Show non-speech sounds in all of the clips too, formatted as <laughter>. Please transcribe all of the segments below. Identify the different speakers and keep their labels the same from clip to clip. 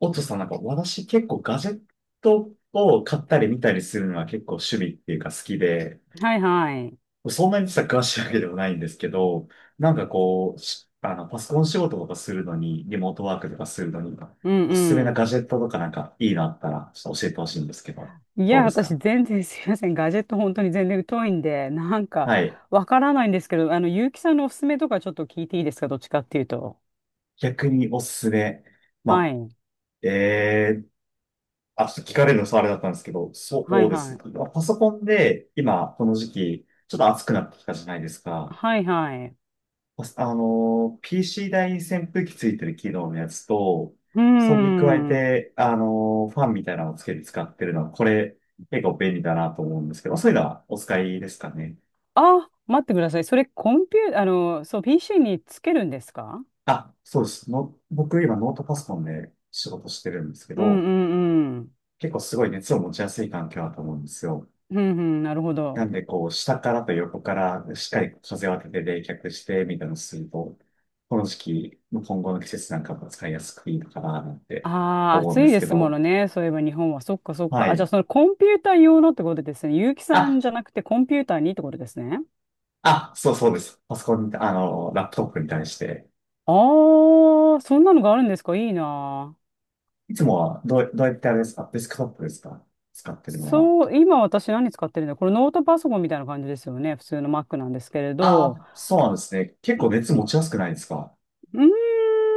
Speaker 1: おとさんなんか私結構ガジェットを買ったり見たりするのは結構趣味っていうか好きで、
Speaker 2: はいはい。
Speaker 1: そんなに実は詳しいわけではないんですけど、なんかこう、しあの、パソコン仕事とかするのに、リモートワークとかするのに、
Speaker 2: う
Speaker 1: おすすめな
Speaker 2: ん
Speaker 1: ガ
Speaker 2: う
Speaker 1: ジェットとかなんかいいのあったらちょっと教えてほしいんですけど、
Speaker 2: ん。い
Speaker 1: ど
Speaker 2: や、
Speaker 1: うです
Speaker 2: 私
Speaker 1: か？
Speaker 2: 全然すいません。ガジェット本当に全然疎いんで、なんか
Speaker 1: はい。
Speaker 2: わからないんですけど、結城さんのおすすめとかちょっと聞いていいですか、どっちかっていうと？
Speaker 1: 逆におすすめ。ま
Speaker 2: はい。
Speaker 1: あ、えー、あ、ちょっと聞かれるのあれだったんですけど、そ
Speaker 2: は
Speaker 1: う
Speaker 2: い
Speaker 1: で
Speaker 2: は
Speaker 1: す。
Speaker 2: い。
Speaker 1: まあパソコンで今この時期、ちょっと暑くなってきたじゃないですか。
Speaker 2: はいはい。
Speaker 1: まあ、PC 台に扇風機ついてる機能のやつと、
Speaker 2: うー
Speaker 1: それに加え
Speaker 2: ん。
Speaker 1: て、ファンみたいなのをつけて使ってるのは、これ、結構便利だなと思うんですけど、そういうのはお使いですかね。
Speaker 2: あ、待ってください。それコンピュー、そう、PC につけるんですか？
Speaker 1: あ、そうです。僕今ノートパソコンで仕事してるんですけ
Speaker 2: うんう
Speaker 1: ど、
Speaker 2: んうん。
Speaker 1: 結構すごい熱を持ちやすい環境だと思うんですよ。
Speaker 2: うんうん、なるほ
Speaker 1: なん
Speaker 2: ど。
Speaker 1: で、こう、下からと横からしっかり風を当てて冷却して、みたいなのをすると、この時期、今後の季節なんかも使いやすくいいのかな、なんて
Speaker 2: ああ、
Speaker 1: 思うん
Speaker 2: 暑
Speaker 1: で
Speaker 2: い
Speaker 1: す
Speaker 2: で
Speaker 1: け
Speaker 2: すもの
Speaker 1: ど、
Speaker 2: ね。そういえば日本は。そっかそっ
Speaker 1: は
Speaker 2: か。あ、じゃ
Speaker 1: い。
Speaker 2: あそのコンピューター用のってことですね。結城さん
Speaker 1: あ、
Speaker 2: じゃなくてコンピューターにってことですね。
Speaker 1: あ、そうそうです。パソコンに、ラップトップに対して。
Speaker 2: ああ、そんなのがあるんですか、いいなあ。
Speaker 1: いつもは、どうやってあれですか？デスクトップですか？使ってるのは。
Speaker 2: そう、今私何使ってるんだ、これノートパソコンみたいな感じですよね。普通の Mac なんですけれ
Speaker 1: あ
Speaker 2: ど。
Speaker 1: あ、そうなんですね。結構
Speaker 2: う
Speaker 1: 熱持ちやすくないですか？
Speaker 2: うーん、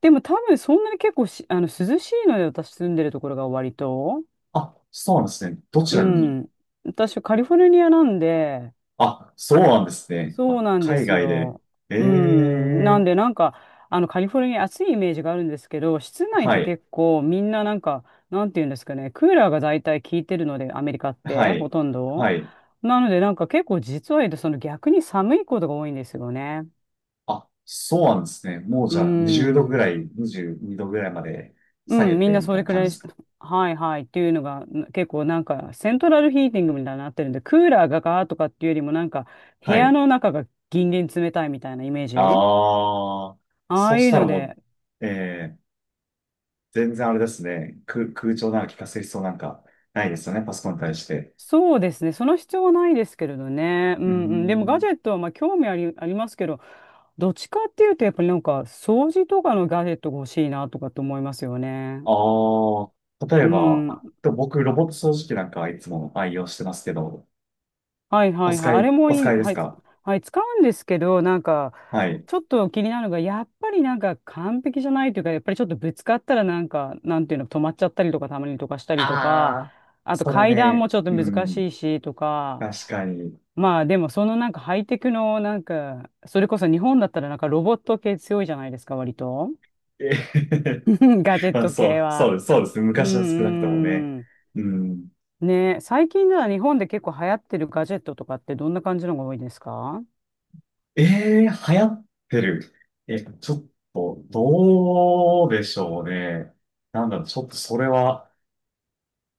Speaker 2: でも多分そんなに結構し、涼しいので、私住んでるところが割と。
Speaker 1: あ、そうなんですね。どち
Speaker 2: う
Speaker 1: らに？
Speaker 2: ん。私カリフォルニアなんで、
Speaker 1: あ、そうなんですね。
Speaker 2: そう
Speaker 1: あ、
Speaker 2: なんで
Speaker 1: 海
Speaker 2: す
Speaker 1: 外で。
Speaker 2: よ。
Speaker 1: え
Speaker 2: うん。なんで、
Speaker 1: え、
Speaker 2: なんか、カリフォルニア暑いイメージがあるんですけど、室内っ
Speaker 1: は
Speaker 2: て
Speaker 1: い、
Speaker 2: 結構みんななんか、なんていうんですかね、クーラーが大体効いてるので、アメリカっ
Speaker 1: は
Speaker 2: て、ほ
Speaker 1: い、
Speaker 2: とんど。
Speaker 1: はい。
Speaker 2: なので、なんか結構実は言うと、その逆に寒いことが多いんですよね。
Speaker 1: あ、そうなんですね。もう
Speaker 2: う
Speaker 1: じゃあ20度ぐ
Speaker 2: ん。
Speaker 1: らい、22度ぐらいまで
Speaker 2: う
Speaker 1: 下げ
Speaker 2: ん、み
Speaker 1: て
Speaker 2: んな
Speaker 1: み
Speaker 2: そ
Speaker 1: たい
Speaker 2: れ
Speaker 1: な
Speaker 2: く
Speaker 1: 感
Speaker 2: ら
Speaker 1: じ
Speaker 2: い
Speaker 1: で
Speaker 2: し、
Speaker 1: すか？
Speaker 2: はいはいっていうのが、結構なんか、セントラルヒーティングみたいになってるんで、クーラーがガーとかっていうよりも、なんか、部
Speaker 1: は
Speaker 2: 屋
Speaker 1: い。
Speaker 2: の中がギンギン冷たいみたいなイメージ。
Speaker 1: ああ、
Speaker 2: あ
Speaker 1: そ
Speaker 2: あ
Speaker 1: し
Speaker 2: いう
Speaker 1: たら
Speaker 2: の
Speaker 1: も
Speaker 2: で、
Speaker 1: う、全然あれですね。空調なんか聞かせる必要なんかないですよね、パソコンに対して。
Speaker 2: そうですね。その必要はないですけれどね。う
Speaker 1: うー
Speaker 2: んうん。でもガジ
Speaker 1: ん。
Speaker 2: ェットはまあ興味あり、ありますけど、どっちかっていうとやっぱりなんか掃除とかのガジェットが欲しいなとかと思いますよね。
Speaker 1: ああ、例
Speaker 2: う
Speaker 1: えば、
Speaker 2: ん。
Speaker 1: あでも僕、ロボット掃除機なんかいつも愛用してますけど、
Speaker 2: はい
Speaker 1: お
Speaker 2: はいはい。
Speaker 1: 使
Speaker 2: あれ
Speaker 1: い、
Speaker 2: も
Speaker 1: お
Speaker 2: い
Speaker 1: 使
Speaker 2: い。
Speaker 1: いです
Speaker 2: はい。
Speaker 1: か？
Speaker 2: はい。使うんですけど、なんか
Speaker 1: はい。
Speaker 2: ちょっと気になるのが、やっぱりなんか完璧じゃないというか、やっぱりちょっとぶつかったらなんか、なんていうの、止まっちゃったりとか、たまにとかしたりと
Speaker 1: あ
Speaker 2: か、
Speaker 1: あ、
Speaker 2: あと
Speaker 1: それ
Speaker 2: 階段
Speaker 1: ね、
Speaker 2: もちょっと
Speaker 1: う
Speaker 2: 難
Speaker 1: ん、
Speaker 2: しいしとか、
Speaker 1: 確かに。
Speaker 2: まあでもそのなんかハイテクのなんか、それこそ日本だったらなんかロボット系強いじゃないですか、割と。
Speaker 1: えへへへ
Speaker 2: <laughs> ガジェッ
Speaker 1: まあ、
Speaker 2: ト
Speaker 1: そ
Speaker 2: 系
Speaker 1: う、そう
Speaker 2: は。
Speaker 1: です、そうですね。
Speaker 2: う
Speaker 1: 昔は少なくともね。
Speaker 2: んうん。
Speaker 1: うん。
Speaker 2: ね、最近では日本で結構流行ってるガジェットとかってどんな感じのが多いですか？
Speaker 1: ええー、流行ってる。ちょっと、どうでしょうね。なんだろう、ちょっとそれは、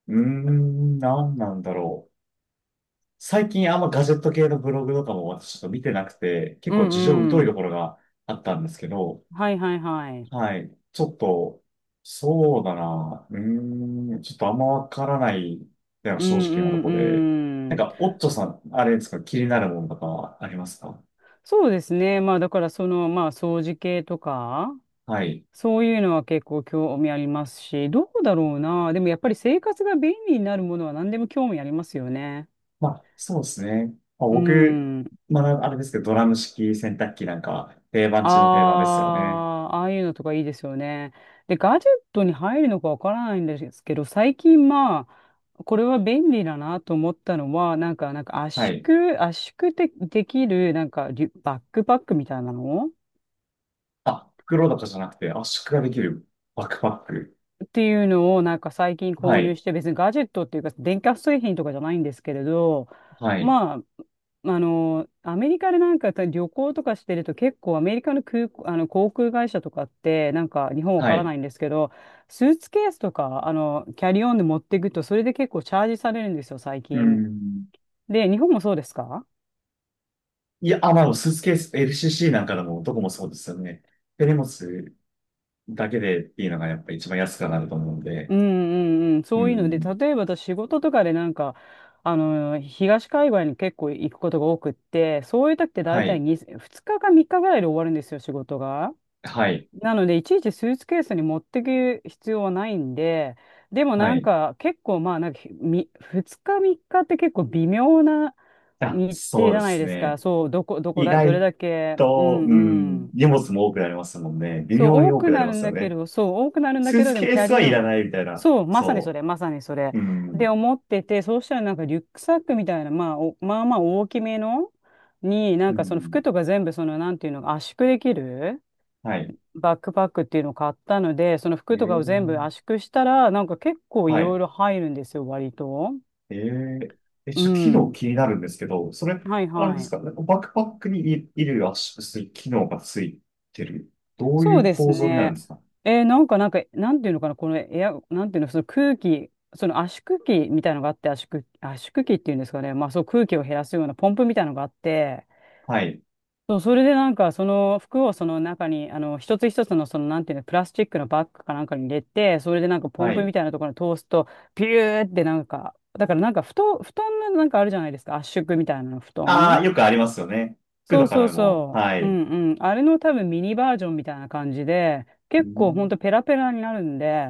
Speaker 1: なんなんだろう。最近あんまガジェット系のブログとかも私ちょっと見てなくて、結
Speaker 2: う
Speaker 1: 構
Speaker 2: ん
Speaker 1: 事情
Speaker 2: う
Speaker 1: 疎いとこ
Speaker 2: ん。
Speaker 1: ろがあったんですけど、
Speaker 2: はいはいはい。
Speaker 1: はい。ちょっと、そうだな。ちょっとあんまわからないっていうのが
Speaker 2: うん
Speaker 1: 正直なとこ
Speaker 2: う
Speaker 1: で。な
Speaker 2: んう
Speaker 1: ん
Speaker 2: ん。
Speaker 1: か、オッチョさん、あれですか、気になるものとかはありますか？
Speaker 2: そうですね。まあだからその、まあ掃除系とか、
Speaker 1: はい。
Speaker 2: そういうのは結構興味ありますし、どうだろうな。でもやっぱり生活が便利になるものは何でも興味ありますよね。
Speaker 1: まあ、そうですね。まあ、
Speaker 2: う
Speaker 1: 僕、
Speaker 2: ん。
Speaker 1: まあ、あれですけど、ドラム式洗濯機なんかは定番中の定番で
Speaker 2: あ
Speaker 1: すよね。
Speaker 2: あ、ああいうのとかいいですよね。で、ガジェットに入るのかわからないんですけど、最近まあ、これは便利だなと思ったのは、なんか
Speaker 1: はい。
Speaker 2: 圧縮で、できる、なんかリュ、バックパックみたいなの
Speaker 1: あ、袋とかじゃなくて圧縮ができるバックパック。
Speaker 2: っていうのをなんか最近
Speaker 1: は
Speaker 2: 購入
Speaker 1: い。
Speaker 2: して、別にガジェットっていうか電化製品とかじゃないんですけれど、
Speaker 1: はい。
Speaker 2: まあ、あのアメリカでなんか旅行とかしてると、結構アメリカの空港、あの航空会社とかってなんか、日本わ
Speaker 1: は
Speaker 2: から
Speaker 1: い。
Speaker 2: ないんですけど、スーツケースとかキャリーオンで持っていくと、それで結構チャージされるんですよ、最
Speaker 1: う
Speaker 2: 近。
Speaker 1: ん。
Speaker 2: で、日本もそうですか？
Speaker 1: いや、あ、まあ、スーツケース、LCC なんかでもどこもそうですよね。手荷物だけでっていうのがやっぱ一番安くはなると思うん
Speaker 2: う
Speaker 1: で。
Speaker 2: んうんうん、
Speaker 1: う
Speaker 2: そういうので、
Speaker 1: ん。
Speaker 2: 例えば私仕事とかでなんか、東海外に結構行くことが多くって、そういう時って
Speaker 1: は
Speaker 2: 大体
Speaker 1: い。
Speaker 2: 2日か3日ぐらいで終わるんですよ、仕事が。
Speaker 1: はい。
Speaker 2: なので、いちいちスーツケースに持ってく必要はないんで、でも
Speaker 1: は
Speaker 2: なん
Speaker 1: い。
Speaker 2: か結構まあ、なんか2日3日っかって結構微妙な
Speaker 1: あ、
Speaker 2: 日程
Speaker 1: そう
Speaker 2: じ
Speaker 1: で
Speaker 2: ゃない
Speaker 1: す
Speaker 2: ですか。
Speaker 1: ね。
Speaker 2: そう、どこ
Speaker 1: 意
Speaker 2: だ、どれ
Speaker 1: 外
Speaker 2: だけ。う
Speaker 1: と、
Speaker 2: んうん。
Speaker 1: 荷物も多くなりますもんね。微
Speaker 2: そう、
Speaker 1: 妙に
Speaker 2: 多
Speaker 1: 多
Speaker 2: く
Speaker 1: くなり
Speaker 2: な
Speaker 1: ま
Speaker 2: るん
Speaker 1: すよ
Speaker 2: だけ
Speaker 1: ね。
Speaker 2: ど、そう、多くなるんだ
Speaker 1: ス
Speaker 2: け
Speaker 1: ー
Speaker 2: ど、
Speaker 1: ツ
Speaker 2: でも
Speaker 1: ケ
Speaker 2: キ
Speaker 1: ー
Speaker 2: ャ
Speaker 1: ス
Speaker 2: リ
Speaker 1: は
Speaker 2: ー
Speaker 1: い
Speaker 2: オ
Speaker 1: ら
Speaker 2: ン。
Speaker 1: ないみたいな。
Speaker 2: そう、まさにそ
Speaker 1: そ
Speaker 2: れ、まさにそれ。
Speaker 1: う。う
Speaker 2: で、
Speaker 1: ん。
Speaker 2: 思ってて、そうしたらなんかリュックサックみたいな、まあ、まあまあ大きめのに、な
Speaker 1: う
Speaker 2: んかその
Speaker 1: ん。
Speaker 2: 服とか全部、その、なんていうの、圧縮できる
Speaker 1: はい。
Speaker 2: バックパックっていうのを買ったので、その服
Speaker 1: え
Speaker 2: とかを全部
Speaker 1: ー、
Speaker 2: 圧縮したら、なんか結構い
Speaker 1: は
Speaker 2: ろい
Speaker 1: い。
Speaker 2: ろ入るんですよ、割と。
Speaker 1: えー、え、
Speaker 2: う
Speaker 1: ちょっと機能
Speaker 2: ん。
Speaker 1: 気になるんですけど、それ、
Speaker 2: はい
Speaker 1: あれで
Speaker 2: は
Speaker 1: す
Speaker 2: い。
Speaker 1: か、なんかバックパックにい衣圧縮する機能がついてる。どうい
Speaker 2: そう
Speaker 1: う
Speaker 2: です
Speaker 1: 構造になるん
Speaker 2: ね。
Speaker 1: ですか？
Speaker 2: なんか、なんていうのかな、このなんていうの、その空気、その圧縮機みたいのがあって、圧縮機っていうんですかね、まあ、そう空気を減らすようなポンプみたいのがあって、
Speaker 1: はい。
Speaker 2: そうそれでなんか、その服をその中に、一つ一つの、その、なんていうの、プラスチックのバッグかなんかに入れて、それでなんか、ポ
Speaker 1: は
Speaker 2: ンプみ
Speaker 1: い。
Speaker 2: たいなところに通すと、ピューってなんか、だからなんか、布団のなんかあるじゃないですか、圧縮みたいなの、布
Speaker 1: あ
Speaker 2: 団。
Speaker 1: あ、よくありますよね。服
Speaker 2: そう
Speaker 1: とか
Speaker 2: そう
Speaker 1: でも。
Speaker 2: そ
Speaker 1: は
Speaker 2: う。う
Speaker 1: い。
Speaker 2: んうん。あれの多分ミニバージョンみたいな感じで、
Speaker 1: う
Speaker 2: 結構ほん
Speaker 1: ん、
Speaker 2: とペラペラになるんで、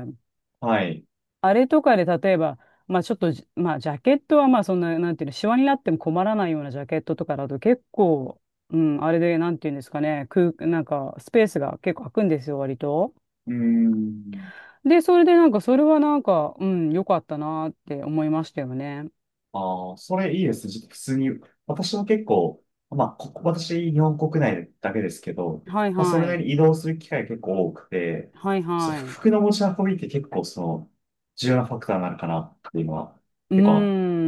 Speaker 1: はい。
Speaker 2: あれとかで例えば、まあちょっとじ、まあジャケットはまあそんな、なんていうの、シワになっても困らないようなジャケットとかだと結構、うん、あれで、なんていうんですかね、なんかスペースが結構空くんですよ、割と。
Speaker 1: うん。
Speaker 2: で、それでなんか、それはなんか、うん、良かったなって思いましたよね。
Speaker 1: ああ、それいいですね。ちょっと普通に、私も結構、まあ、ここ、私、日本国内だけですけど、
Speaker 2: はい
Speaker 1: まあ、それ
Speaker 2: は
Speaker 1: なり
Speaker 2: い。
Speaker 1: に移動する機会結構多くて、
Speaker 2: はい
Speaker 1: そう、
Speaker 2: はい。う
Speaker 1: 服の持ち運びって結構、その、重要なファクターになるかなっていうのは、
Speaker 2: ー
Speaker 1: 結構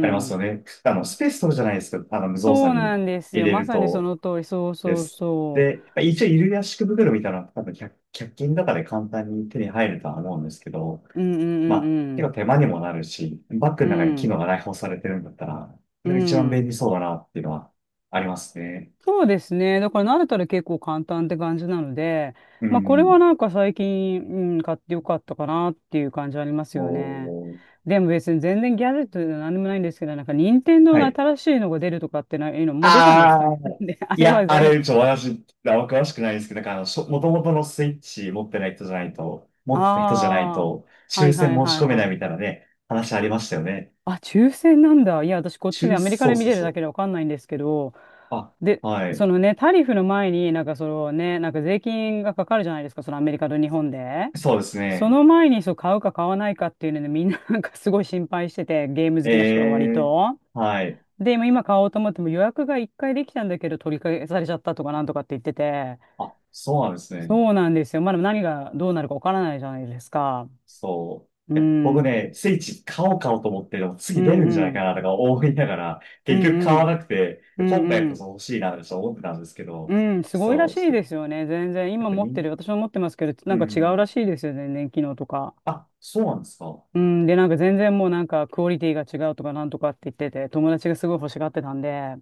Speaker 1: ありますよね。スペース取るじゃないですか。無造
Speaker 2: そ
Speaker 1: 作
Speaker 2: うな
Speaker 1: に
Speaker 2: んです
Speaker 1: 入
Speaker 2: よ。
Speaker 1: れ
Speaker 2: ま
Speaker 1: る
Speaker 2: さにそ
Speaker 1: と、
Speaker 2: の通り。そう
Speaker 1: で
Speaker 2: そう
Speaker 1: す。
Speaker 2: そ
Speaker 1: で、まあ一応、衣類圧縮袋みたいなのは、多分の中均とかで簡単に手に入るとは思うんですけど、
Speaker 2: う。うんう
Speaker 1: ま
Speaker 2: ん
Speaker 1: あ、
Speaker 2: う
Speaker 1: 結構
Speaker 2: ん
Speaker 1: 手間にもなるし、バッグ
Speaker 2: う
Speaker 1: の中に機
Speaker 2: ん。
Speaker 1: 能が内包されてるんだったら、そ
Speaker 2: うん。
Speaker 1: れが一番
Speaker 2: う
Speaker 1: 便利
Speaker 2: ん。
Speaker 1: そうだなっていうのはありますね。
Speaker 2: そうですね。だから慣れたら結構簡単って感じなので、
Speaker 1: う
Speaker 2: まあこれは
Speaker 1: ん。
Speaker 2: なんか最近、うん、買ってよかったかなっていう感じありますよね。
Speaker 1: もう、
Speaker 2: でも別に全然ギャジェットと何でもないんですけど、なんか任天堂
Speaker 1: は
Speaker 2: の
Speaker 1: い。
Speaker 2: 新しいのが出るとかってないの、もう出たんですか
Speaker 1: ああ、
Speaker 2: ね。<laughs> で、あ
Speaker 1: い
Speaker 2: れ
Speaker 1: や、
Speaker 2: は全
Speaker 1: あ
Speaker 2: 然、
Speaker 1: れ、私、あんま詳しくないですけど、なんか元々のスイッチ持ってない人じゃないと、持ってた人じゃない
Speaker 2: あ
Speaker 1: と、
Speaker 2: あ、は
Speaker 1: 抽
Speaker 2: いは
Speaker 1: 選
Speaker 2: い
Speaker 1: 申
Speaker 2: は
Speaker 1: し
Speaker 2: い
Speaker 1: 込めない
Speaker 2: は
Speaker 1: み
Speaker 2: い。
Speaker 1: たいなね、話ありましたよね。
Speaker 2: あ、抽選なんだ。いや、私こっちでアメリカ
Speaker 1: そ
Speaker 2: で
Speaker 1: う
Speaker 2: 見
Speaker 1: そう
Speaker 2: てる
Speaker 1: そ
Speaker 2: だ
Speaker 1: う。
Speaker 2: けでわかんないんですけど、
Speaker 1: あ、
Speaker 2: で、
Speaker 1: は
Speaker 2: そ
Speaker 1: い。
Speaker 2: のね、タリフの前になんかそのね、なんか税金がかかるじゃないですか、そのアメリカと日本で。
Speaker 1: そうです
Speaker 2: そ
Speaker 1: ね。
Speaker 2: の前にそう買うか買わないかっていうので、みんな <laughs> なんかすごい心配してて、ゲーム好
Speaker 1: え
Speaker 2: きな人は割
Speaker 1: え、
Speaker 2: と。
Speaker 1: はい。
Speaker 2: で、今買おうと思っても予約が1回できたんだけど取り消されちゃったとかなんとかって言ってて、
Speaker 1: あ、そうなんですね。
Speaker 2: そうなんですよ。まだ何がどうなるかわからないじゃないですか。
Speaker 1: そ
Speaker 2: う
Speaker 1: う。いや、僕ね、
Speaker 2: ん。
Speaker 1: スイッチ買おう買おうと思ってでも
Speaker 2: う
Speaker 1: 次出る
Speaker 2: ん
Speaker 1: ん
Speaker 2: う
Speaker 1: じゃないか
Speaker 2: ん。
Speaker 1: なとか思いながら、
Speaker 2: う
Speaker 1: 結局
Speaker 2: ん
Speaker 1: 買
Speaker 2: う
Speaker 1: わ
Speaker 2: ん。
Speaker 1: なくて、
Speaker 2: う
Speaker 1: 今
Speaker 2: ん
Speaker 1: 回
Speaker 2: う
Speaker 1: こ
Speaker 2: ん。
Speaker 1: そ欲しいなとちょっと思ってたんですけ
Speaker 2: う
Speaker 1: ど、
Speaker 2: ん、すごいら
Speaker 1: そう、
Speaker 2: し
Speaker 1: ち
Speaker 2: い
Speaker 1: ょっと、
Speaker 2: ですよね、全然。
Speaker 1: やっ
Speaker 2: 今
Speaker 1: ぱ
Speaker 2: 持って
Speaker 1: り、
Speaker 2: る、私も持ってますけど、
Speaker 1: う
Speaker 2: なんか違うら
Speaker 1: ん。
Speaker 2: しいですよね、全然機能とか。
Speaker 1: あ、そうなんですか。
Speaker 2: うん、で、なんか全然もうなんかクオリティが違うとかなんとかって言ってて、友達がすごい欲しがってたんで、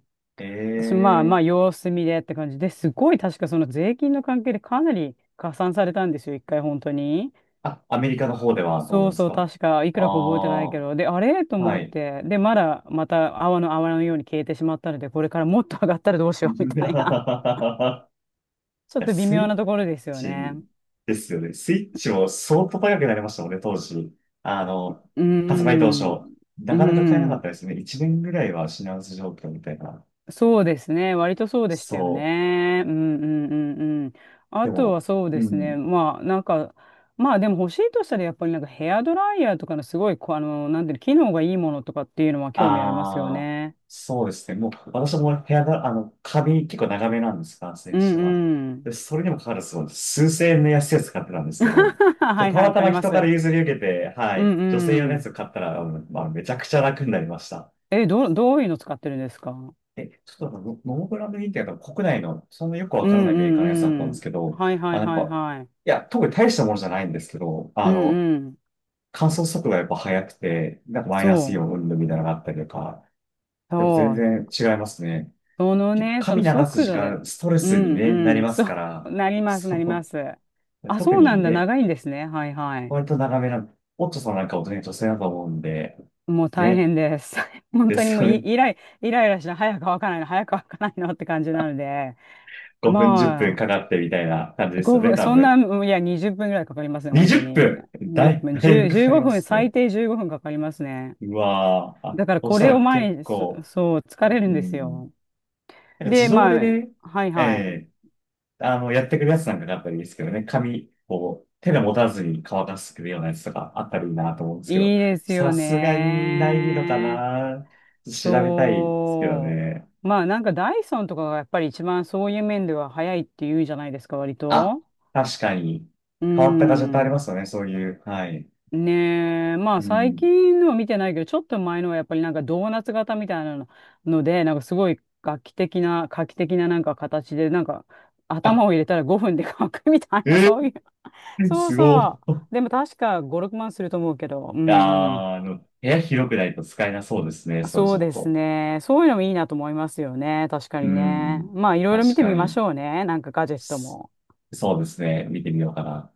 Speaker 2: 私まあ
Speaker 1: え
Speaker 2: まあ
Speaker 1: え
Speaker 2: 様子見でって感じで、すごい、確かその税金の関係でかなり加算されたんですよ、一回本当に。
Speaker 1: あ、アメリカの方ではどう
Speaker 2: そ
Speaker 1: で
Speaker 2: う
Speaker 1: す
Speaker 2: そう、
Speaker 1: か？
Speaker 2: 確かい
Speaker 1: あ
Speaker 2: くらか覚えてない
Speaker 1: あ
Speaker 2: けど、で、あれと
Speaker 1: ー、は
Speaker 2: 思っ
Speaker 1: い。
Speaker 2: て、で、まだまた泡のように消えてしまったので、これからもっと上がったらどうし
Speaker 1: <laughs> い
Speaker 2: ようみたいな、<laughs> ちょっ
Speaker 1: や、
Speaker 2: と微
Speaker 1: ス
Speaker 2: 妙な
Speaker 1: イ
Speaker 2: ところですよね。
Speaker 1: チですよね。スイッチも相当高くなりましたもんね、当時。あの、
Speaker 2: うー
Speaker 1: 発売当初。
Speaker 2: ん、うー
Speaker 1: なかなか買えなかっ
Speaker 2: ん、
Speaker 1: たですね。1年ぐらいは品薄状況みたいな。
Speaker 2: そうですね。割とそうでしたよ
Speaker 1: そう。
Speaker 2: ね。うんうんうんうん。
Speaker 1: で
Speaker 2: あと
Speaker 1: も、
Speaker 2: はそうで
Speaker 1: う
Speaker 2: すね。
Speaker 1: ん。
Speaker 2: まあなんか、まあでも欲しいとしたらやっぱりなんかヘアドライヤーとかのすごいこう、なんていうの、機能がいいものとかっていうのは興味ありますよ
Speaker 1: ああ、
Speaker 2: ね。
Speaker 1: そうですね。もう、私も部屋が、あの、髪結構長めなんです、男性
Speaker 2: う
Speaker 1: にして
Speaker 2: ん
Speaker 1: は。
Speaker 2: う
Speaker 1: で、
Speaker 2: ん。
Speaker 1: それにもかかわらず、数千円の安いやつ買ってたんですけど、
Speaker 2: <laughs>
Speaker 1: ちょっと
Speaker 2: はい
Speaker 1: た
Speaker 2: はい、
Speaker 1: ま
Speaker 2: わ
Speaker 1: た
Speaker 2: か
Speaker 1: ま
Speaker 2: りま
Speaker 1: 人から
Speaker 2: す。
Speaker 1: 譲り受けて、は
Speaker 2: う
Speaker 1: い、
Speaker 2: ん
Speaker 1: 女性用の
Speaker 2: う
Speaker 1: やつ
Speaker 2: ん。
Speaker 1: 買ったら、うんまあ、めちゃくちゃ楽になりました。
Speaker 2: え、どういうの使ってるんですか？
Speaker 1: え、ちょっとモモブランドンってやっぱ国内の、そんなよくわ
Speaker 2: うん
Speaker 1: からない
Speaker 2: う
Speaker 1: メーカーのやつだったんで
Speaker 2: ん
Speaker 1: すけ
Speaker 2: うん。
Speaker 1: ど、
Speaker 2: はいは
Speaker 1: あ
Speaker 2: い
Speaker 1: やっ
Speaker 2: はい
Speaker 1: ぱ、
Speaker 2: はい。
Speaker 1: いや、特に大したものじゃないんですけど、
Speaker 2: うんうん。
Speaker 1: 乾燥速度がやっぱ速くて、なんかマイナスイ
Speaker 2: そ
Speaker 1: オ
Speaker 2: う。
Speaker 1: ン云々みたいなのがあったりとか、やっぱ
Speaker 2: そ
Speaker 1: 全
Speaker 2: う。
Speaker 1: 然違いますね。
Speaker 2: その
Speaker 1: 結構
Speaker 2: ね、その
Speaker 1: 髪流す
Speaker 2: 速
Speaker 1: 時
Speaker 2: 度で、
Speaker 1: 間、ストレ
Speaker 2: う
Speaker 1: スに、ね、な
Speaker 2: んう
Speaker 1: り
Speaker 2: ん、<laughs>
Speaker 1: ま
Speaker 2: そ
Speaker 1: すか
Speaker 2: う、
Speaker 1: ら、
Speaker 2: なります、なりま
Speaker 1: そ
Speaker 2: す。
Speaker 1: う、
Speaker 2: あ、
Speaker 1: 特
Speaker 2: そうな
Speaker 1: に
Speaker 2: んだ、
Speaker 1: ね、
Speaker 2: 長いんですね。はいはい。
Speaker 1: 割と長めな、オットさんなんかをね、女性だと思うんで、
Speaker 2: もう大
Speaker 1: ね、
Speaker 2: 変です。<laughs> 本
Speaker 1: で
Speaker 2: 当にも
Speaker 1: す
Speaker 2: う
Speaker 1: よね。
Speaker 2: イライラして、早く乾かないの、早く乾かないのって感じなので、
Speaker 1: 5分、10分
Speaker 2: ま
Speaker 1: かかってみたいな感じ
Speaker 2: あ、
Speaker 1: ですよ
Speaker 2: 5
Speaker 1: ね、
Speaker 2: 分、
Speaker 1: 多
Speaker 2: そんな、
Speaker 1: 分。
Speaker 2: うん、いや、20分ぐらいかかりますね、本
Speaker 1: 20
Speaker 2: 当に。
Speaker 1: 分
Speaker 2: 2分、
Speaker 1: だいぶ
Speaker 2: 10、
Speaker 1: か
Speaker 2: 15
Speaker 1: かりま
Speaker 2: 分、
Speaker 1: す
Speaker 2: 最
Speaker 1: ね。
Speaker 2: 低15分かかりますね。
Speaker 1: うわーあ、
Speaker 2: だから
Speaker 1: そ
Speaker 2: こ
Speaker 1: した
Speaker 2: れを
Speaker 1: ら
Speaker 2: 前
Speaker 1: 結
Speaker 2: に、そ、
Speaker 1: 構、
Speaker 2: そう、疲れる
Speaker 1: う
Speaker 2: んです
Speaker 1: ん。
Speaker 2: よ。
Speaker 1: なんか
Speaker 2: で、
Speaker 1: 自動で
Speaker 2: ま
Speaker 1: ね、
Speaker 2: あ、はい
Speaker 1: え
Speaker 2: はい。
Speaker 1: えやってくるやつなんかがあったりですけどね、髪を手で持たずに乾かしてくれるようなやつとかあったらいいなと思うんですけど、
Speaker 2: いいですよ
Speaker 1: さすがにないのか
Speaker 2: ね。
Speaker 1: な？調べたいですけど
Speaker 2: そ
Speaker 1: ね。
Speaker 2: う。まあなんかダイソンとかがやっぱり一番そういう面では早いって言うじゃないですか、割
Speaker 1: あ、
Speaker 2: と。
Speaker 1: 確かに、
Speaker 2: う
Speaker 1: 変わったガジェットあり
Speaker 2: ん。
Speaker 1: ますよね、そういう。はい。
Speaker 2: ねえ。まあ
Speaker 1: う
Speaker 2: 最
Speaker 1: ん。
Speaker 2: 近のは見てないけど、ちょっと前のはやっぱりなんかドーナツ型みたいなのので、なんかすごい画期的ななんか形で、なんか
Speaker 1: あ、
Speaker 2: 頭を入れたら5分で乾くみたいな、
Speaker 1: え
Speaker 2: そういう。
Speaker 1: え、
Speaker 2: そう
Speaker 1: すご
Speaker 2: そ
Speaker 1: い。
Speaker 2: う。でも確か5、6万すると思うけど。うんうん。
Speaker 1: あー部屋広くないと使えなそうですね。それち
Speaker 2: そう
Speaker 1: ょっ
Speaker 2: です
Speaker 1: と。
Speaker 2: ね。そういうのもいいなと思いますよね。確か
Speaker 1: う
Speaker 2: にね。
Speaker 1: ん。
Speaker 2: まあ、いろいろ見
Speaker 1: 確
Speaker 2: て
Speaker 1: か
Speaker 2: みまし
Speaker 1: に。
Speaker 2: ょうね。なんかガジェット
Speaker 1: s-
Speaker 2: も。
Speaker 1: そうですね。見てみようかな。